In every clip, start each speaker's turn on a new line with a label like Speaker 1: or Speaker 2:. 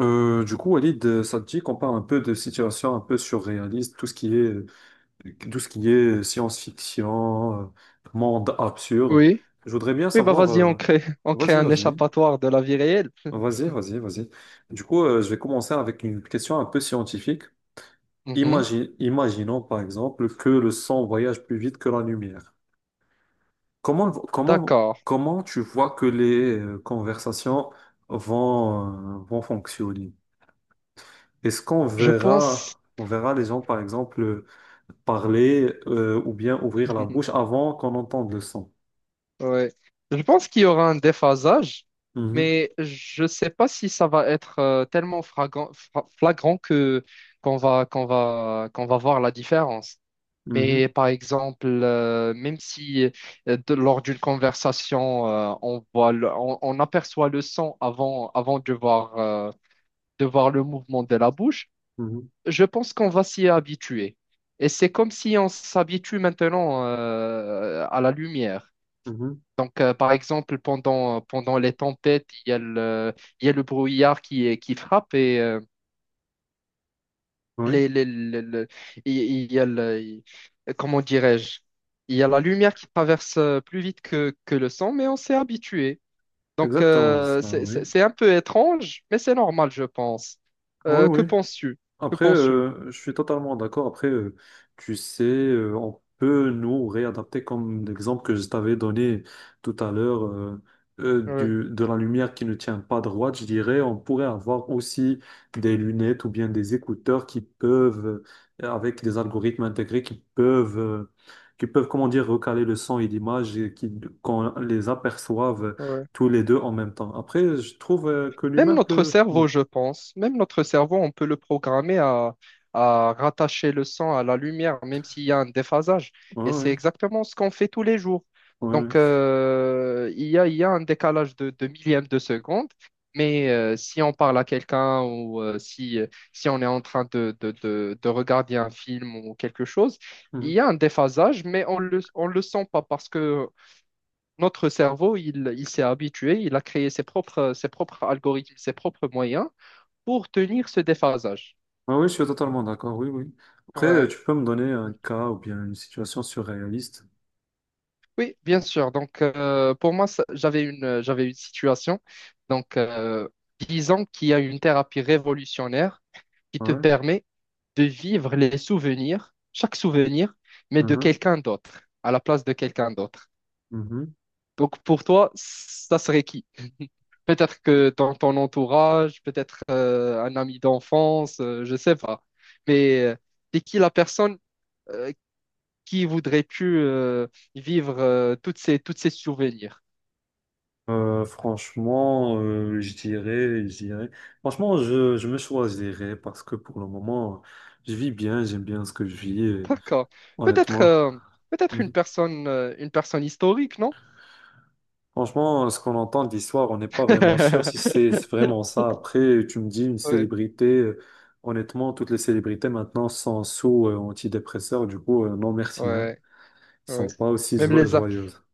Speaker 1: Walid, ça te dit qu'on parle un peu de situations un peu surréalistes, tout ce qui est, tout ce qui est science-fiction, monde absurde.
Speaker 2: Oui,
Speaker 1: Je voudrais bien
Speaker 2: oui, bah
Speaker 1: savoir.
Speaker 2: vas-y,
Speaker 1: euh,
Speaker 2: on crée, on crée
Speaker 1: Vas-y,
Speaker 2: un
Speaker 1: vas-y,
Speaker 2: échappatoire de la vie réelle.
Speaker 1: vas-y. Je vais commencer avec une question un peu scientifique.
Speaker 2: Mhm.
Speaker 1: Imaginons par exemple que le sang voyage plus vite que la lumière. Comment, comment,
Speaker 2: D'accord.
Speaker 1: comment tu vois que les conversations vont fonctionner? Est-ce qu'on
Speaker 2: Je pense,
Speaker 1: verra, on verra les gens, par exemple, parler ou bien ouvrir la bouche avant qu'on entende le son?
Speaker 2: ouais. Je pense qu'il y aura un déphasage,
Speaker 1: Mhm,
Speaker 2: mais je ne sais pas si ça va être tellement flagrant que qu'on va voir la différence. Mais
Speaker 1: mhm,
Speaker 2: par exemple, même si lors d'une conversation, on on aperçoit le son avant de voir le mouvement de la bouche.
Speaker 1: mhm,
Speaker 2: Je pense qu'on va s'y habituer. Et c'est comme si on s'habitue maintenant à la lumière.
Speaker 1: mhm.
Speaker 2: Donc, par exemple, pendant les tempêtes, il y a le brouillard qui frappe et
Speaker 1: Oui,
Speaker 2: les, les- les- le- il y a Comment dirais-je? Il y a la lumière qui traverse plus vite que le sang, mais on s'est habitué.
Speaker 1: c'est
Speaker 2: Donc,
Speaker 1: exactement ça, oui.
Speaker 2: c'est un peu étrange, mais c'est normal, je pense.
Speaker 1: Oui,
Speaker 2: Que
Speaker 1: oui.
Speaker 2: penses-tu? Que penses-tu?
Speaker 1: Je suis totalement d'accord. Tu sais, on peut nous réadapter comme l'exemple que je t'avais donné tout à l'heure euh, euh,
Speaker 2: Ouais,
Speaker 1: du, de la lumière qui ne tient pas droite. Je dirais, on pourrait avoir aussi des lunettes ou bien des écouteurs qui avec des algorithmes intégrés, qui peuvent, comment dire, recaler le son et l'image, et qui, qu'on les aperçoive
Speaker 2: ouais.
Speaker 1: tous les deux en même temps. Après, je trouve que
Speaker 2: Même
Speaker 1: l'humain
Speaker 2: notre
Speaker 1: peut. Mm.
Speaker 2: cerveau, je pense, même notre cerveau, on peut le à rattacher le sang à la lumière, même s'il y a un déphasage.
Speaker 1: Ouais,
Speaker 2: Et c'est
Speaker 1: ouais,
Speaker 2: exactement ce qu'on fait tous les jours.
Speaker 1: ouais, ouais.
Speaker 2: Donc, il y a un décalage de millième de seconde, mais si on parle à quelqu'un ou si on est en train de regarder un film ou quelque chose, il
Speaker 1: Hmm.
Speaker 2: y a un déphasage, mais on le sent pas parce que notre cerveau, il s'est habitué, il a créé ses propres algorithmes, ses propres moyens pour tenir ce déphasage.
Speaker 1: Ah oui, je suis totalement d'accord, oui, oui.
Speaker 2: Ouais.
Speaker 1: Tu peux me donner un cas ou bien une situation surréaliste.
Speaker 2: Oui, bien sûr. Donc, pour moi, j'avais une situation. Donc, disons qu'il y a une thérapie révolutionnaire qui te
Speaker 1: Ouais.
Speaker 2: permet de vivre les souvenirs, chaque souvenir, mais de
Speaker 1: Mhm,
Speaker 2: quelqu'un d'autre, à la place de quelqu'un d'autre.
Speaker 1: mhm.
Speaker 2: Donc, pour toi, ça serait qui? Peut-être que dans ton entourage, peut-être un ami d'enfance, je sais pas. Mais t'es qui la personne euh, qui voudrais-tu vivre toutes ces toutes ces souvenirs?
Speaker 1: Franchement, je dirais. Franchement, je me choisirais parce que pour le moment, je vis bien, j'aime bien ce que je vis, et
Speaker 2: D'accord. Peut-être
Speaker 1: honnêtement.
Speaker 2: peut-être
Speaker 1: Mhm.
Speaker 2: une personne historique, non?
Speaker 1: Franchement, ce qu'on entend d'histoire, on n'est pas vraiment sûr si c'est vraiment ça. Après, tu me dis une
Speaker 2: Ouais,
Speaker 1: célébrité. Honnêtement, toutes les célébrités maintenant sont sous antidépresseurs, du coup, non merci, hein.
Speaker 2: ouais, ouais.
Speaker 1: Sont pas aussi
Speaker 2: Même les...
Speaker 1: joyeuses.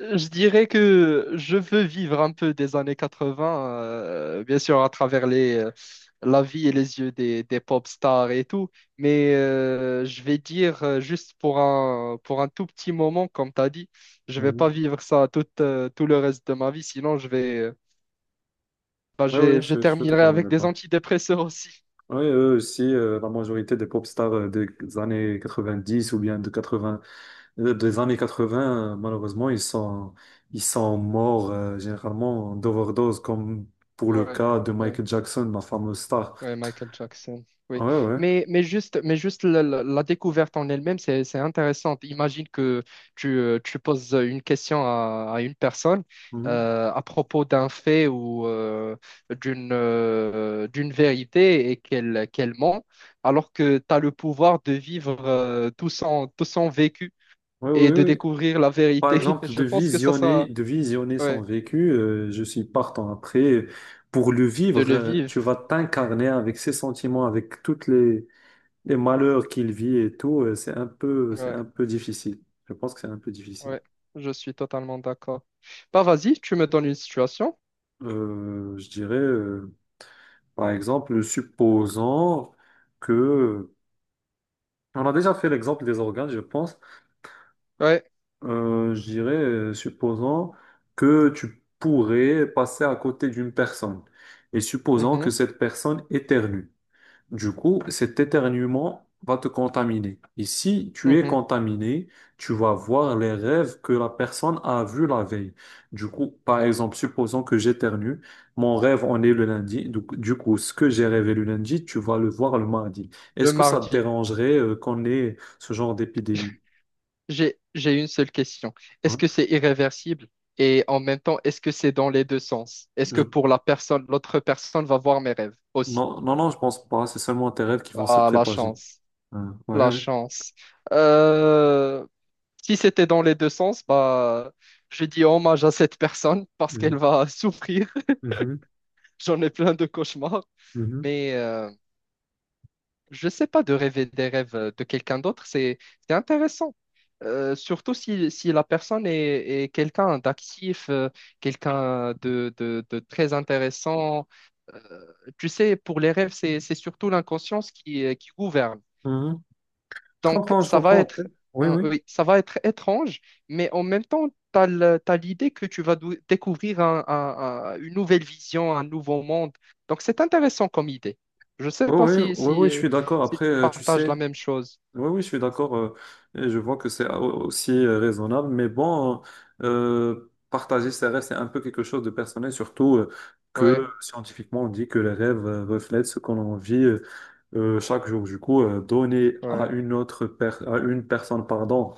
Speaker 2: Je dirais que je veux vivre un peu des années 80, bien sûr, à travers la vie et les yeux des pop stars et tout, mais je vais dire juste pour pour un tout petit moment, comme tu as dit, je vais pas
Speaker 1: Mhm.
Speaker 2: vivre ça tout le reste de ma vie, sinon je vais,
Speaker 1: Oui, oui,
Speaker 2: je
Speaker 1: je suis
Speaker 2: terminerai
Speaker 1: totalement
Speaker 2: avec des
Speaker 1: d'accord.
Speaker 2: antidépresseurs aussi.
Speaker 1: Oui, eux aussi, la majorité des pop stars des années 90 ou bien de 80, des années 80, malheureusement, ils sont morts généralement d'overdose, comme pour le
Speaker 2: Ouais,
Speaker 1: cas de
Speaker 2: ouais.
Speaker 1: Michael Jackson, la fameuse star.
Speaker 2: Ouais, Michael Jackson, oui.
Speaker 1: Oui, oui.
Speaker 2: Mais juste la découverte en elle-même, c'est intéressante. Imagine que tu poses une question à une personne
Speaker 1: Mhm.
Speaker 2: à propos d'un fait ou d'une vérité et qu'elle ment, alors que tu as le pouvoir de vivre tout son vécu
Speaker 1: Oui,
Speaker 2: et
Speaker 1: oui,
Speaker 2: de
Speaker 1: oui.
Speaker 2: découvrir la
Speaker 1: Par
Speaker 2: vérité.
Speaker 1: exemple,
Speaker 2: Je pense que
Speaker 1: de visionner son
Speaker 2: ouais,
Speaker 1: vécu, je suis partant après. Pour le
Speaker 2: de
Speaker 1: vivre,
Speaker 2: le
Speaker 1: euh,
Speaker 2: vivre.
Speaker 1: tu vas t'incarner avec ses sentiments, avec toutes les malheurs qu'il vit et tout, c'est un
Speaker 2: Ouais,
Speaker 1: peu difficile. Je pense que c'est un peu difficile.
Speaker 2: ouais, je suis totalement d'accord. Bah, vas-y, tu me donnes une situation.
Speaker 1: Euh, je dirais, euh, Par exemple, supposons que, on a déjà fait l'exemple des organes, je pense.
Speaker 2: Ouais.
Speaker 1: Supposons que tu pourrais passer à côté d'une personne, et supposons que
Speaker 2: Mhm,
Speaker 1: cette personne éternue. Du coup, cet éternuement va te contaminer. Et si tu es
Speaker 2: mhm.
Speaker 1: contaminé, tu vas voir les rêves que la personne a vus la veille. Du coup, par exemple, supposons que j'éternue, mon rêve en est le lundi. Du coup, ce que j'ai rêvé le lundi, tu vas le voir le mardi.
Speaker 2: Le
Speaker 1: Est-ce que ça te
Speaker 2: mardi.
Speaker 1: dérangerait qu'on ait ce genre d'épidémie?
Speaker 2: J'ai une seule question. Est-ce
Speaker 1: Hein.
Speaker 2: que c'est irréversible? Et en même temps, est-ce que c'est dans les deux sens? Est-ce que
Speaker 1: Je-
Speaker 2: pour la personne, l'autre personne va voir mes rêves aussi?
Speaker 1: Non, non, non, je pense pas. C'est seulement tes rêves qui vont se
Speaker 2: Ah, la
Speaker 1: propager.
Speaker 2: chance.
Speaker 1: Hein, ouais,
Speaker 2: La
Speaker 1: ouais.
Speaker 2: chance. Euh, Si c'était dans les deux sens, bah, je dis hommage à cette personne parce qu'elle
Speaker 1: Mhm,
Speaker 2: va souffrir.
Speaker 1: mhm,
Speaker 2: J'en ai plein de cauchemars.
Speaker 1: mhm,
Speaker 2: Mais je sais pas, de rêver des rêves de quelqu'un d'autre, c'est intéressant. Surtout si, si la personne est quelqu'un d'actif, quelqu'un de très intéressant. Euh, Tu sais, pour les rêves, c'est surtout l'inconscience qui gouverne.
Speaker 1: mhm.
Speaker 2: Donc,
Speaker 1: Je comprends après. Oui,
Speaker 2: hein,
Speaker 1: oui.
Speaker 2: oui, ça va être étrange, mais en même temps, tu as l'idée que tu vas découvrir une nouvelle vision, un nouveau monde. Donc, c'est intéressant comme idée. Je ne sais
Speaker 1: Oui,
Speaker 2: pas
Speaker 1: ouais, ouais, ouais, ouais, je suis d'accord.
Speaker 2: si tu
Speaker 1: Tu
Speaker 2: partages
Speaker 1: sais,
Speaker 2: la même chose.
Speaker 1: oui, oui, je suis d'accord. Et je vois que c'est aussi raisonnable. Mais bon, partager ses rêves, c'est un peu quelque chose de personnel, surtout que
Speaker 2: Ouais,
Speaker 1: scientifiquement, on dit que les rêves reflètent ce qu'on vit chaque jour. Du coup, donner à
Speaker 2: ouais,
Speaker 1: une à une personne, pardon,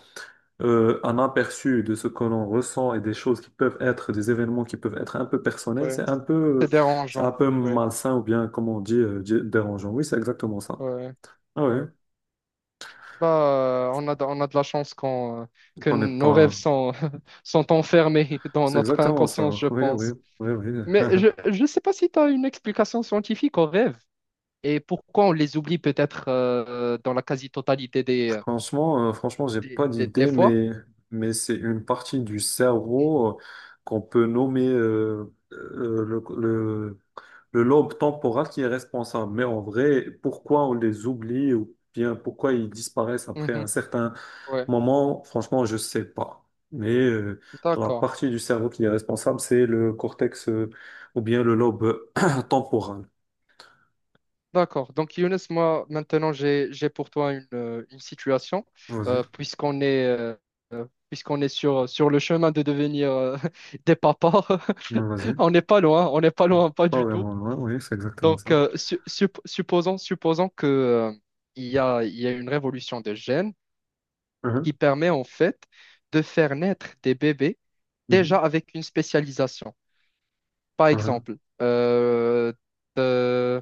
Speaker 1: un aperçu de ce que l'on ressent et des choses qui peuvent être, des événements qui peuvent être un peu personnels,
Speaker 2: ouais.
Speaker 1: c'est un peu,
Speaker 2: C'est
Speaker 1: euh, c'est un
Speaker 2: dérangeant.
Speaker 1: peu
Speaker 2: Ouais,
Speaker 1: malsain ou bien, comme on dit, dérangeant. Oui, c'est exactement ça.
Speaker 2: ouais,
Speaker 1: Ah oui,
Speaker 2: ouais. Bah, on a de la chance qu'on, que
Speaker 1: on n'est
Speaker 2: nos rêves
Speaker 1: pas.
Speaker 2: sont, sont enfermés dans
Speaker 1: C'est
Speaker 2: notre
Speaker 1: exactement ça.
Speaker 2: inconscience, je
Speaker 1: Oui, oui,
Speaker 2: pense.
Speaker 1: oui,
Speaker 2: Mais
Speaker 1: oui.
Speaker 2: je ne sais pas si tu as une explication scientifique aux rêves. Et pourquoi on les oublie peut-être dans la quasi-totalité
Speaker 1: Franchement, j'ai pas
Speaker 2: des
Speaker 1: d'idée,
Speaker 2: fois?
Speaker 1: mais c'est une partie du cerveau qu'on peut nommer le lobe temporal qui est responsable. Mais en vrai, pourquoi on les oublie ou bien pourquoi ils disparaissent après un
Speaker 2: Mhm.
Speaker 1: certain
Speaker 2: Ouais,
Speaker 1: moment, franchement, je sais pas. Mais dans la
Speaker 2: d'accord.
Speaker 1: partie du cerveau qui est responsable, c'est le cortex ou bien le lobe temporal.
Speaker 2: D'accord. Donc, Younes, moi, maintenant, j'ai pour toi une situation,
Speaker 1: Vas-y.
Speaker 2: euh, puisqu'on est, euh, puisqu'on est sur le chemin de devenir des papas.
Speaker 1: Non, vas-y.
Speaker 2: On n'est pas loin, pas
Speaker 1: Pas
Speaker 2: du tout.
Speaker 1: vraiment moi, ouais, oui, c'est exactement ça.
Speaker 2: Donc, supposons que, il y a une révolution de gènes qui
Speaker 1: Mhm,
Speaker 2: permet en fait de faire naître des bébés
Speaker 1: mhm,
Speaker 2: déjà avec une spécialisation. Par
Speaker 1: mhm.
Speaker 2: exemple, euh, euh,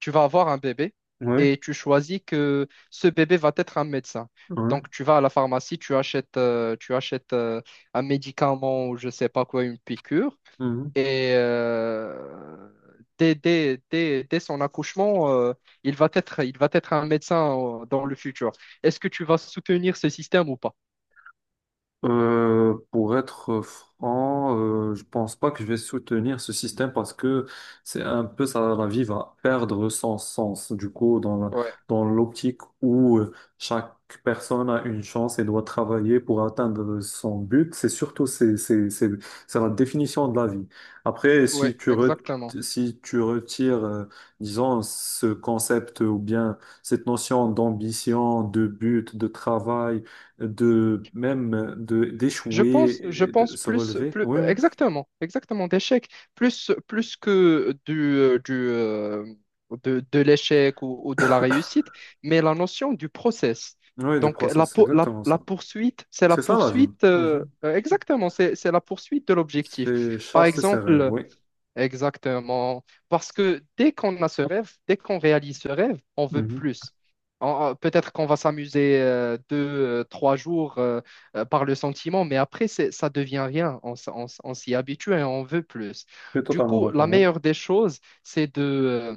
Speaker 2: tu vas avoir un bébé
Speaker 1: Ouais,
Speaker 2: et tu choisis que ce bébé va être un médecin.
Speaker 1: ouais.
Speaker 2: Donc, tu vas à la pharmacie, tu achètes un médicament ou je sais pas quoi, une piqûre.
Speaker 1: Mhm.
Speaker 2: Et dès son accouchement, il va être un médecin dans le futur. Est-ce que tu vas soutenir ce système ou pas?
Speaker 1: Pour être franc, je pense pas que je vais soutenir ce système parce que c'est un peu ça, la vie va perdre son sens. Du coup,
Speaker 2: Ouais.
Speaker 1: dans l'optique où chaque personne a une chance et doit travailler pour atteindre son but, c'est surtout c'est la définition de la vie. Après,
Speaker 2: Oui, exactement.
Speaker 1: si tu retires, disons, ce concept ou bien cette notion d'ambition, de but, de travail, de même de
Speaker 2: Je
Speaker 1: d'échouer,
Speaker 2: pense, je
Speaker 1: et de
Speaker 2: pense
Speaker 1: se
Speaker 2: plus,
Speaker 1: relever.
Speaker 2: plus,
Speaker 1: Oui, oui,
Speaker 2: exactement, exactement, d'échec, plus que de l'échec ou de la réussite, mais la notion du process.
Speaker 1: oui, du
Speaker 2: Donc,
Speaker 1: process, c'est exactement
Speaker 2: la
Speaker 1: ça.
Speaker 2: poursuite, c'est la
Speaker 1: C'est ça la vie.
Speaker 2: poursuite,
Speaker 1: Mhm.
Speaker 2: exactement, c'est la poursuite de l'objectif.
Speaker 1: C'est
Speaker 2: Par
Speaker 1: chasser ses rêves,
Speaker 2: exemple,
Speaker 1: oui.
Speaker 2: exactement. Parce que dès qu'on a ce rêve, dès qu'on réalise ce rêve, on veut
Speaker 1: Mhm.
Speaker 2: plus. Peut-être qu'on va s'amuser trois jours par le sentiment, mais après, ça devient rien. On s'y habitue et on veut plus.
Speaker 1: Je suis
Speaker 2: Du
Speaker 1: totalement
Speaker 2: coup, la
Speaker 1: d'accord. Oui.
Speaker 2: meilleure des choses,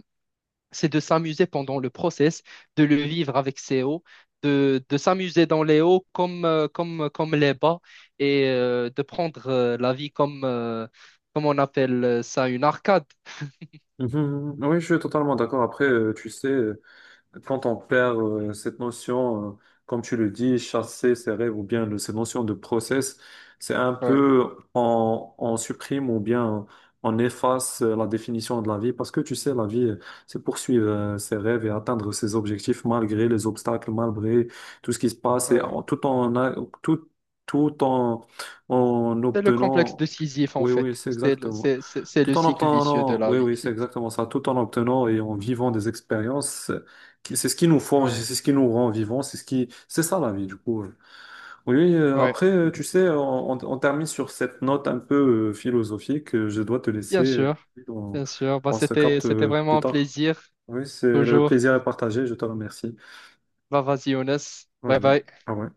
Speaker 2: c'est de s'amuser pendant le process, de le vivre avec ses hauts, de s'amuser dans les hauts comme les bas et de prendre la vie comme on appelle ça, une arcade.
Speaker 1: Mhm, mhm. Oui, je suis totalement d'accord. Après, tu sais. Quand on perd cette notion, comme tu le dis, chasser ses rêves ou bien cette notion de process, c'est un
Speaker 2: Ouais,
Speaker 1: peu on supprime ou bien on efface la définition de la vie, parce que tu sais, la vie, c'est poursuivre ses rêves et atteindre ses objectifs malgré les obstacles, malgré tout ce qui se passe et
Speaker 2: ouais.
Speaker 1: tout tout en en
Speaker 2: C'est le complexe
Speaker 1: obtenant.
Speaker 2: de Sisyphe en
Speaker 1: Oui, oui,
Speaker 2: fait.
Speaker 1: c'est exactement.
Speaker 2: C'est le
Speaker 1: Tout en
Speaker 2: cycle vicieux de
Speaker 1: obtenant,
Speaker 2: la
Speaker 1: oui,
Speaker 2: vie.
Speaker 1: oui, c'est exactement ça. Tout en obtenant et en vivant des expériences, c'est ce qui nous forge,
Speaker 2: Ouais,
Speaker 1: c'est ce qui nous rend vivants, c'est ce qui, c'est ça la vie du coup. Oui,
Speaker 2: ouais.
Speaker 1: tu sais, on termine sur cette note un peu philosophique. Je dois te laisser.
Speaker 2: Bien
Speaker 1: euh,
Speaker 2: sûr,
Speaker 1: On,
Speaker 2: bien sûr. Bah,
Speaker 1: on se capte
Speaker 2: c'était
Speaker 1: euh,
Speaker 2: vraiment
Speaker 1: plus
Speaker 2: un
Speaker 1: tard.
Speaker 2: plaisir,
Speaker 1: Oui, c'est le
Speaker 2: toujours.
Speaker 1: plaisir est partagé. Je te remercie.
Speaker 2: Bah, vas-y, Younes. Bye
Speaker 1: Vas-y.
Speaker 2: bye.
Speaker 1: Ah ouais.